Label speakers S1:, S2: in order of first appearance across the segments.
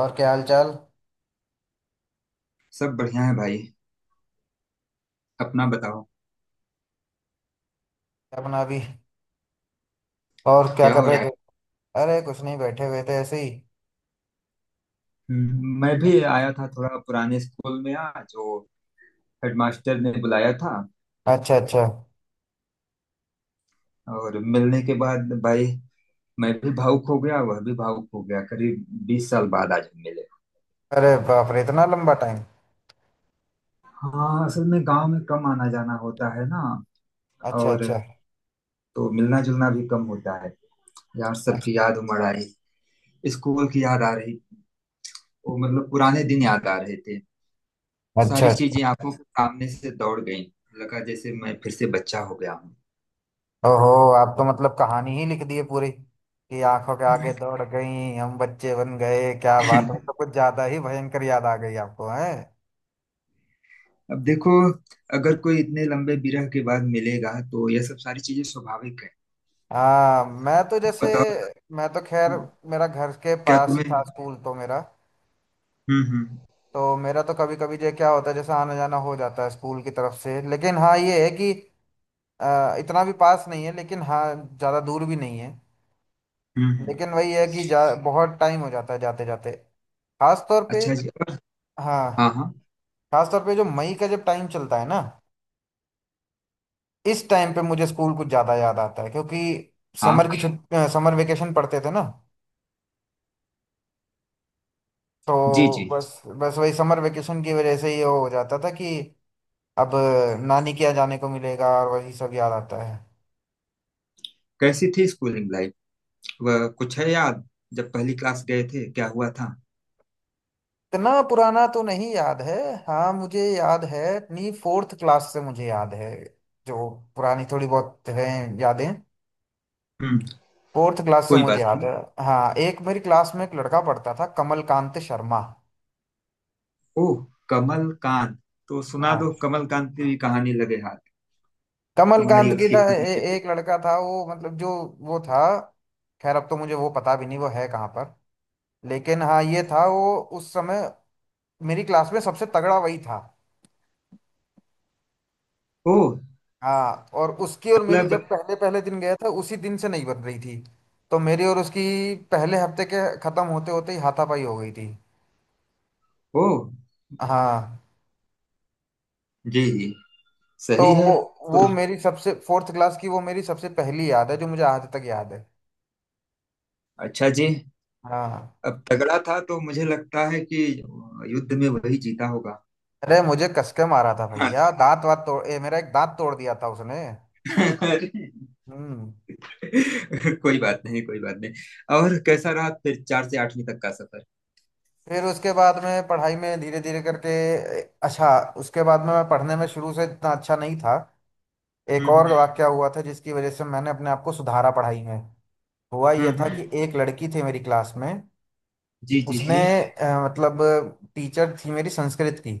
S1: और क्या हाल चाल?
S2: सब बढ़िया है भाई। अपना बताओ।
S1: क्या बना अभी? और क्या
S2: क्या
S1: कर
S2: हो
S1: रहे
S2: रहा है?
S1: थे? अरे कुछ नहीं, बैठे हुए थे ऐसे ही।
S2: मैं भी आया था थोड़ा पुराने स्कूल में आज। वो हेडमास्टर ने बुलाया था।
S1: अच्छा अच्छा।
S2: और मिलने के बाद भाई मैं भी भावुक हो गया, वह भी भावुक हो गया। करीब 20 साल बाद आज हम मिले।
S1: अरे बाप रे, इतना लंबा टाइम।
S2: हाँ असल में गांव में कम आना जाना होता है ना।
S1: अच्छा
S2: और
S1: अच्छा।
S2: तो मिलना जुलना भी कम होता है। यार सबकी याद उमड़ आई। स्कूल की याद आ रही। वो मतलब पुराने दिन याद आ रहे थे।
S1: अच्छा
S2: सारी
S1: अच्छा।
S2: चीजें आंखों के सामने से दौड़ गई। लगा जैसे मैं फिर से बच्चा हो गया हूँ।
S1: ओहो। आप तो मतलब कहानी ही लिख दी है पूरी कि आंखों के आगे दौड़ गई, हम बच्चे बन गए, क्या बात है! तो कुछ ज्यादा ही भयंकर याद आ गई आपको है?
S2: अब देखो, अगर कोई इतने लंबे विरह के बाद मिलेगा तो यह सब सारी चीजें स्वाभाविक है।
S1: हाँ, मैं तो जैसे
S2: बताओ।
S1: मैं तो खैर,
S2: हम्म,
S1: मेरा घर के
S2: क्या
S1: पास ही
S2: तुम्हें।
S1: था
S2: हम्म।
S1: स्कूल। तो मेरा
S2: हम्म।
S1: तो मेरा तो कभी कभी जो क्या होता है जैसे आना जाना हो जाता है स्कूल की तरफ से, लेकिन हाँ ये है कि इतना भी पास नहीं है, लेकिन हाँ ज़्यादा दूर भी नहीं है।
S2: हम्म। हम्म।
S1: लेकिन वही है कि बहुत टाइम हो जाता है जाते जाते। खास तौर पे।
S2: अच्छा जी। हाँ
S1: हाँ।
S2: हाँ।
S1: खास तौर पे जो मई का जब टाइम चलता है ना, इस टाइम पे मुझे स्कूल कुछ ज़्यादा याद आता है, क्योंकि समर
S2: हाँ।
S1: की छुट्टी, समर वेकेशन पढ़ते थे ना।
S2: जी
S1: तो
S2: जी।
S1: बस बस वही समर वेकेशन की वजह से ये हो जाता था कि अब नानी के यहाँ जाने को मिलेगा, और वही सब याद आता है।
S2: कैसी थी स्कूलिंग लाइफ? वह कुछ है याद? जब पहली क्लास गए थे क्या हुआ था?
S1: इतना पुराना तो नहीं याद है। हाँ, मुझे याद है, अपनी फोर्थ क्लास से मुझे याद है जो पुरानी थोड़ी बहुत है, यादें।
S2: हम्म।
S1: फोर्थ क्लास से
S2: कोई
S1: मुझे
S2: बात
S1: याद
S2: नहीं।
S1: है। हाँ, एक मेरी क्लास में एक लड़का पढ़ता था, कमलकांत शर्मा।
S2: ओह कमल कांत। तो सुना दो
S1: हाँ,
S2: कमल कांत की भी कहानी लगे हाथ। तुम्हारी
S1: कमलकांत
S2: और
S1: की
S2: उसकी
S1: था
S2: फिल्म के फिर।
S1: एक लड़का था वो मतलब जो वो था, खैर अब तो मुझे वो पता भी नहीं वो है कहाँ पर, लेकिन हाँ ये था वो उस समय मेरी क्लास में सबसे तगड़ा वही था।
S2: ओह
S1: हाँ, और उसकी और मेरी
S2: मतलब।
S1: जब पहले पहले दिन गया था उसी दिन से नहीं बन रही थी। तो मेरी और उसकी पहले हफ्ते के खत्म होते होते ही हाथापाई हो गई थी।
S2: ओह।
S1: हाँ।
S2: जी जी।
S1: तो
S2: सही है।
S1: वो
S2: तो
S1: वो मेरी सबसे फोर्थ क्लास की वो मेरी सबसे पहली याद है जो मुझे आज तक याद है।
S2: अच्छा जी।
S1: हाँ।
S2: अब तगड़ा था तो मुझे लगता है कि युद्ध में वही जीता होगा।
S1: अरे मुझे कसके मारा था
S2: हाँ।
S1: भैया, दांत वात तोड़ मेरा एक दांत तोड़ दिया था उसने। हम्म।
S2: कोई बात नहीं कोई बात नहीं। और कैसा रहा फिर चार से आठवीं तक का सफर?
S1: फिर उसके बाद में पढ़ाई में धीरे धीरे करके अच्छा, उसके बाद में मैं पढ़ने में शुरू से इतना अच्छा नहीं था। एक और
S2: हम्म।
S1: वाक्या हुआ था जिसकी वजह से मैंने अपने आप को सुधारा पढ़ाई में। हुआ यह था
S2: हम्म।
S1: कि एक लड़की थी मेरी क्लास में।
S2: जी जी
S1: उसने
S2: जी।
S1: मतलब टीचर थी मेरी संस्कृत की।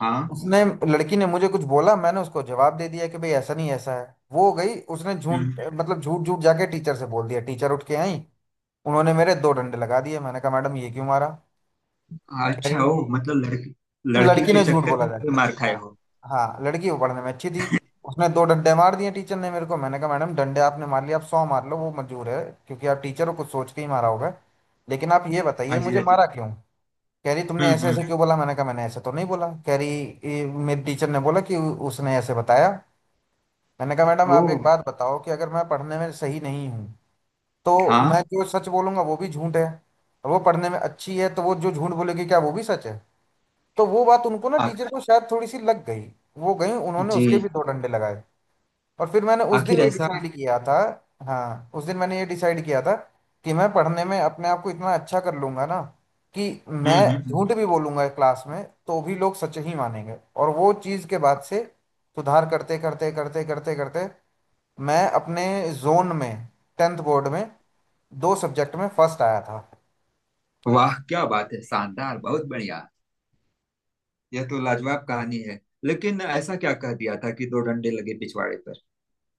S2: हाँ।
S1: उसने, लड़की ने मुझे कुछ बोला, मैंने उसको जवाब दे दिया कि भाई ऐसा नहीं ऐसा है। वो हो गई, उसने झूठ
S2: हम्म।
S1: मतलब झूठ झूठ जाके टीचर से बोल दिया। टीचर उठ के आई, उन्होंने मेरे दो डंडे लगा दिए। मैंने कहा, मैडम ये क्यों मारा? कह
S2: अच्छा
S1: रही कि
S2: हो मतलब लड़की, लड़की
S1: लड़की
S2: के
S1: ने झूठ
S2: चक्कर
S1: बोला
S2: में
S1: जाके।
S2: भी मार खाए
S1: हाँ।
S2: हो?
S1: हाँ, लड़की वो पढ़ने में अच्छी थी। उसने दो डंडे मार दिए टीचर ने मेरे को। मैंने कहा, मैडम डंडे आपने मार लिए, आप सौ मार लो वो मंजूर है, क्योंकि आप टीचर हो कुछ सोच के ही मारा होगा। लेकिन आप ये बताइए
S2: हाँ जी
S1: मुझे
S2: हाँ जी।
S1: मारा क्यों? कह रही, तुमने ऐसे
S2: हम्म।
S1: ऐसे क्यों बोला। मैंने कहा, मैंने ऐसे तो नहीं बोला। कह रही, ये मेरे टीचर ने बोला कि उसने ऐसे बताया। मैंने कहा, मैडम
S2: ओ।
S1: आप एक बात बताओ कि अगर मैं पढ़ने में सही नहीं हूँ तो मैं
S2: हाँ।
S1: जो सच बोलूंगा वो भी झूठ है, और वो पढ़ने में अच्छी है तो वो जो झूठ बोलेगी क्या वो भी सच है? तो वो बात उनको ना,
S2: आ,
S1: टीचर को शायद थोड़ी सी लग गई। वो गई उन्होंने उसके
S2: जी।
S1: भी दो डंडे लगाए। और फिर मैंने उस दिन
S2: आखिर
S1: ये
S2: ऐसा।
S1: डिसाइड किया था। हाँ उस दिन मैंने ये डिसाइड किया था कि मैं पढ़ने में अपने आप को इतना अच्छा कर लूंगा ना कि मैं
S2: हम्म।
S1: झूठ भी बोलूंगा क्लास में तो भी लोग सच ही मानेंगे। और वो चीज़ के बाद से सुधार करते करते करते करते करते मैं अपने जोन में टेंथ बोर्ड में दो सब्जेक्ट में फर्स्ट आया था।
S2: वाह क्या बात है, शानदार, बहुत बढ़िया। यह तो लाजवाब कहानी है। लेकिन ऐसा क्या कह दिया था कि दो डंडे लगे पिछवाड़े पर?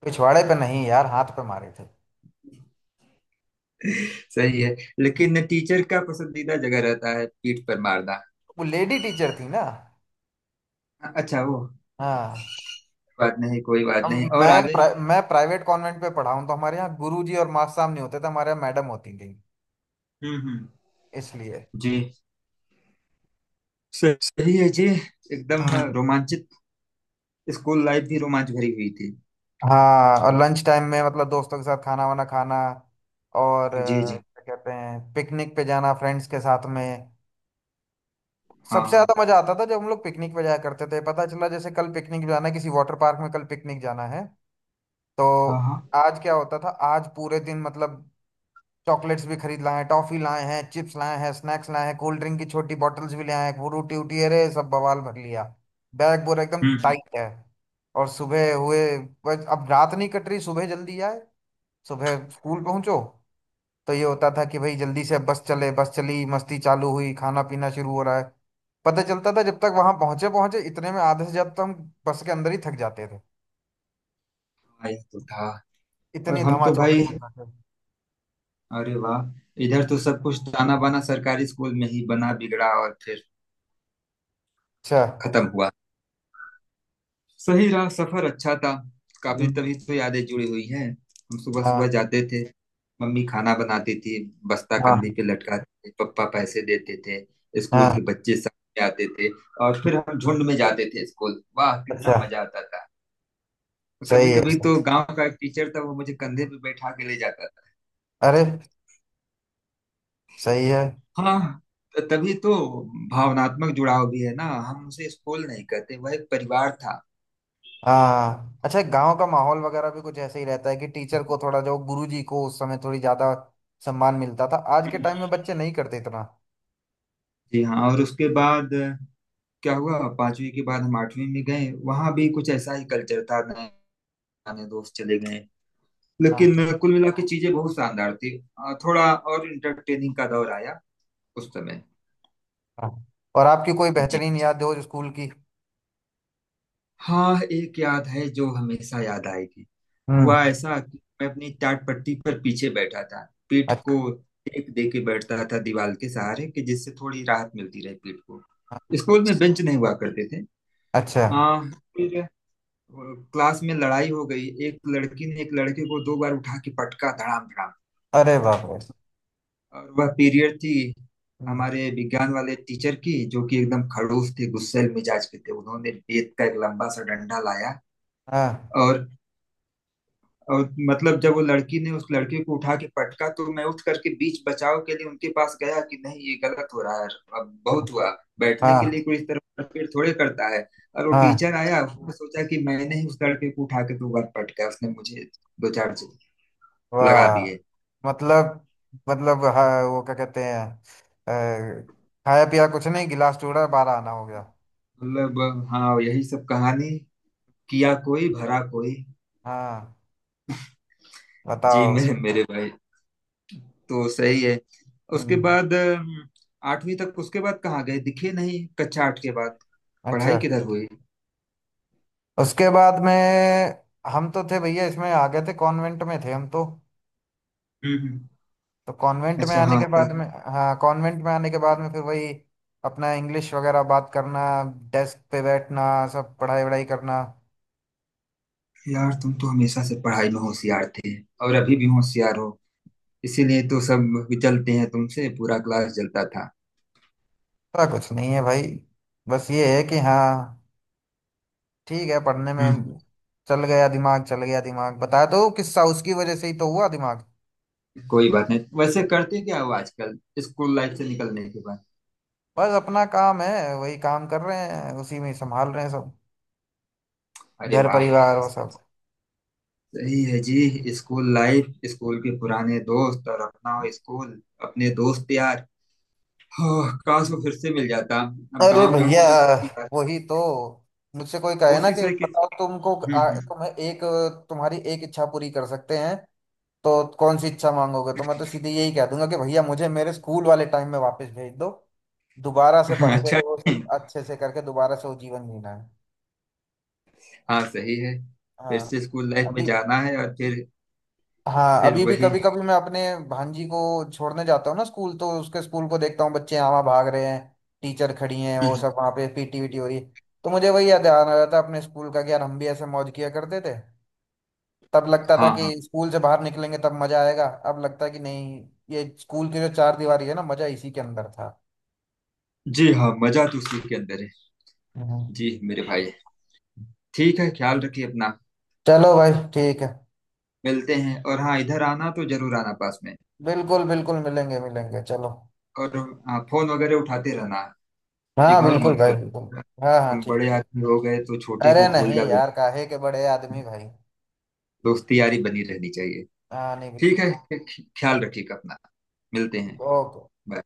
S1: पिछवाड़े पे नहीं यार, हाथ पे मारे थे।
S2: सही है। लेकिन टीचर का पसंदीदा जगह रहता है पीठ पर मारना।
S1: वो लेडी टीचर थी ना।
S2: अच्छा वो।
S1: हाँ।
S2: बात नहीं, कोई बात
S1: हम।
S2: नहीं। और आगे?
S1: मैं प्राइवेट कॉन्वेंट पे पढ़ा हूँ तो हमारे यहाँ गुरुजी और मास्टर साहब नहीं होते थे, हमारे यहाँ मैडम होती थी।
S2: हम्म।
S1: इसलिए।
S2: जी। सही है जी। एकदम
S1: हाँ।
S2: रोमांचित। स्कूल लाइफ भी रोमांच भरी हुई थी।
S1: हाँ और लंच टाइम में मतलब दोस्तों के साथ खाना वाना खाना, और
S2: जी जी।
S1: क्या कहते हैं पिकनिक पे जाना फ्रेंड्स के साथ में।
S2: हाँ
S1: सबसे ज्यादा
S2: हाँ।
S1: मजा आता था जब हम लोग पिकनिक पे जाया करते थे। पता चला जैसे कल पिकनिक जाना है किसी वाटर पार्क में, कल पिकनिक जाना है। तो
S2: हाँ हाँ।
S1: आज क्या होता था, आज पूरे दिन मतलब चॉकलेट्स भी खरीद लाए हैं, टॉफी लाए हैं, चिप्स लाए हैं, स्नैक्स लाए हैं, कोल्ड ड्रिंक की छोटी बॉटल्स भी ले आए हैं, वो रोटी वोटी अरे सब बवाल भर लिया। बैग पूरा एकदम
S2: हम्म।
S1: टाइट है। और सुबह हुए, बस अब रात नहीं कट रही, सुबह जल्दी आए सुबह स्कूल पहुंचो। तो ये होता था कि भाई जल्दी से अब बस चले बस चली मस्ती चालू हुई खाना पीना शुरू हो रहा है। पता चलता था जब तक वहां पहुंचे पहुंचे इतने में आधे से जब तक हम बस के अंदर ही थक जाते थे,
S2: आया तो था। और
S1: इतनी
S2: हम
S1: धमा
S2: तो
S1: चौकड़ी
S2: भाई,
S1: मचाते थे।
S2: अरे वाह, इधर तो सब कुछ ताना बाना सरकारी स्कूल में ही बना बिगड़ा। और फिर
S1: अच्छा।
S2: खत्म हुआ। सही रहा सफर, अच्छा था। काफी,
S1: हम्म।
S2: तभी तो यादें जुड़ी हुई हैं। हम सुबह सुबह
S1: हाँ
S2: जाते थे। मम्मी खाना बनाती थी। बस्ता कंधे
S1: हाँ
S2: पे लटकाते थे, पप्पा पैसे देते थे। स्कूल
S1: हाँ।
S2: के बच्चे साथ में आते थे। और फिर हम झुंड में जाते थे स्कूल। वाह
S1: अच्छा,
S2: कितना मजा आता था। कभी
S1: सही है
S2: कभी
S1: सर।
S2: तो गांव का एक टीचर था वो मुझे कंधे पे बैठा के ले जाता था।
S1: अरे सही है।
S2: हाँ। तभी तो भावनात्मक जुड़ाव भी है ना। हम उसे स्कूल नहीं कहते, वह एक परिवार था।
S1: हाँ, अच्छा गांव का माहौल वगैरह भी कुछ ऐसे ही रहता है कि टीचर को थोड़ा, जो गुरु जी को उस समय थोड़ी ज्यादा सम्मान मिलता था, आज के टाइम में बच्चे नहीं करते इतना।
S2: जी हाँ। और उसके बाद क्या हुआ, पांचवी के बाद हम आठवीं में गए, वहां भी कुछ ऐसा ही कल्चर था। नए पुराने दोस्त चले गए।
S1: हाँ।
S2: लेकिन कुल मिला के चीजें बहुत शानदार थी। थोड़ा और इंटरटेनिंग का दौर आया उस समय।
S1: हाँ और आपकी कोई
S2: जी
S1: बेहतरीन याद हो स्कूल की?
S2: हाँ। एक याद है जो हमेशा याद आएगी।
S1: हम्म।
S2: हुआ ऐसा कि मैं अपनी टाट पट्टी पर पीछे बैठा था। पीठ
S1: अच्छा।
S2: को टेक दे के बैठता था दीवार के सहारे कि जिससे थोड़ी राहत मिलती रहे पीठ को। स्कूल में बेंच नहीं हुआ करते थे।
S1: अच्छा।
S2: आ, वो क्लास में लड़ाई हो गई। एक लड़की ने एक लड़के को दो बार उठा के पटका, धड़ाम धड़ाम।
S1: अरे बाप रे।
S2: और वह पीरियड थी
S1: हम्म।
S2: हमारे विज्ञान वाले टीचर की, जो कि एकदम खड़ूस थे, गुस्सैल मिजाज के थे। उन्होंने रेत का एक लंबा सा डंडा लाया।
S1: हाँ
S2: और और मतलब जब वो लड़की ने उस लड़के को उठा के पटका तो मैं उठ करके बीच बचाव के लिए उनके पास गया कि नहीं ये गलत हो रहा है, अब बहुत हुआ। बैठने के
S1: हाँ
S2: लिए कोई इस तरह मारपीट थोड़े करता है। और वो
S1: हाँ।
S2: टीचर आया, उसने सोचा कि मैंने ही उस लड़के को उठा के दो बार पटका। उसने मुझे दो चार लगा
S1: वाह
S2: दिए।
S1: मतलब, मतलब हाँ वो क्या कहते हैं अ, खाया पिया कुछ नहीं गिलास टूटा बारह आना हो गया।
S2: मतलब हाँ यही सब कहानी। किया कोई भरा कोई।
S1: हाँ।
S2: जी
S1: बताओ।
S2: मेरे मेरे भाई। तो सही है। उसके
S1: हम्म।
S2: बाद आठवीं तक। उसके बाद कहाँ गए, दिखे नहीं कक्षा आठ के बाद?
S1: अच्छा,
S2: पढ़ाई किधर हुई?
S1: उसके बाद में हम तो थे भैया इसमें आ गए थे, कॉन्वेंट में थे हम तो।
S2: हम्म हम्म।
S1: तो कॉन्वेंट में
S2: अच्छा
S1: आने
S2: हाँ
S1: के बाद
S2: सर।
S1: में, हाँ कॉन्वेंट में आने के बाद में फिर वही अपना इंग्लिश वगैरह बात करना, डेस्क पे बैठना, सब पढ़ाई वढ़ाई करना।
S2: यार तुम तो हमेशा से पढ़ाई में होशियार थे, और अभी भी
S1: हम्म।
S2: होशियार हो। इसीलिए तो सब जलते हैं तुमसे, पूरा क्लास जलता था।
S1: ऐसा कुछ नहीं है भाई, बस ये है कि हाँ ठीक है पढ़ने
S2: हम्म।
S1: में चल गया दिमाग, चल गया दिमाग, बताया तो किस्सा उसकी वजह से ही तो हुआ दिमाग।
S2: कोई बात नहीं। वैसे करते क्या हो आजकल स्कूल लाइफ से निकलने के बाद?
S1: बस अपना काम है वही काम कर रहे हैं उसी में, संभाल रहे हैं सब,
S2: अरे
S1: घर
S2: वाह।
S1: परिवार वो सब।
S2: सही है जी। स्कूल लाइफ, स्कूल के पुराने दोस्त और अपना स्कूल, अपने दोस्त यार। हाँ, काश वो फिर से मिल जाता। अब
S1: अरे
S2: गांव में
S1: भैया
S2: हूँ तो यार।
S1: वही तो। मुझसे कोई कहे ना
S2: कोशिश
S1: कि
S2: है कि।
S1: बताओ तुमको
S2: हम्म।
S1: तुम्हें एक तुम्हारी एक इच्छा पूरी कर सकते हैं तो कौन सी इच्छा मांगोगे, तो मैं तो सीधे यही कह दूंगा कि भैया मुझे मेरे स्कूल वाले टाइम में वापस भेज दो, दोबारा से पढ़ के
S2: अच्छा
S1: वो सब
S2: नहीं।
S1: अच्छे से करके दोबारा से वो जीवन जीना है।
S2: हाँ सही है। फिर
S1: हाँ
S2: से स्कूल लाइफ में
S1: अभी।
S2: जाना है और
S1: हाँ
S2: फिर
S1: अभी भी
S2: वही।
S1: कभी
S2: हम्म।
S1: कभी मैं अपने भांजी को छोड़ने जाता हूँ ना स्कूल, तो उसके स्कूल को देखता हूँ, बच्चे यहाँ वहाँ भाग रहे हैं, टीचर खड़ी हैं वो
S2: हम्म।
S1: सब वहाँ पे पीटी वीटी हो रही है। तो मुझे वही याद आ रहा था अपने स्कूल का कि यार हम भी ऐसे मौज किया करते थे। तब लगता था
S2: हाँ
S1: कि
S2: हाँ।
S1: स्कूल से बाहर निकलेंगे तब मजा आएगा, अब लगता है कि नहीं, ये स्कूल की जो चार दीवारी है ना मजा इसी के अंदर था।
S2: जी हाँ, मजा तो उसी के अंदर है।
S1: हम्म।
S2: जी मेरे भाई। ठीक है, ख्याल रखिए अपना।
S1: चलो भाई ठीक है,
S2: मिलते हैं। और हाँ इधर आना तो जरूर आना, पास में।
S1: बिल्कुल बिल्कुल मिलेंगे मिलेंगे चलो।
S2: और हाँ, फोन वगैरह उठाते रहना,
S1: हाँ
S2: इग्नोर
S1: बिल्कुल
S2: मत
S1: भाई बिल्कुल।
S2: करो।
S1: हाँ हाँ
S2: तुम
S1: ठीक
S2: बड़े
S1: ठीक।
S2: आदमी हो गए तो छोटे
S1: अरे
S2: को भूल
S1: नहीं
S2: जाओ यार।
S1: यार काहे के बड़े आदमी भाई।
S2: दोस्ती यारी बनी रहनी चाहिए।
S1: हाँ नहीं।
S2: ठीक है, ख्याल रखिएगा अपना। मिलते
S1: कि
S2: हैं।
S1: वो ओो
S2: बाय।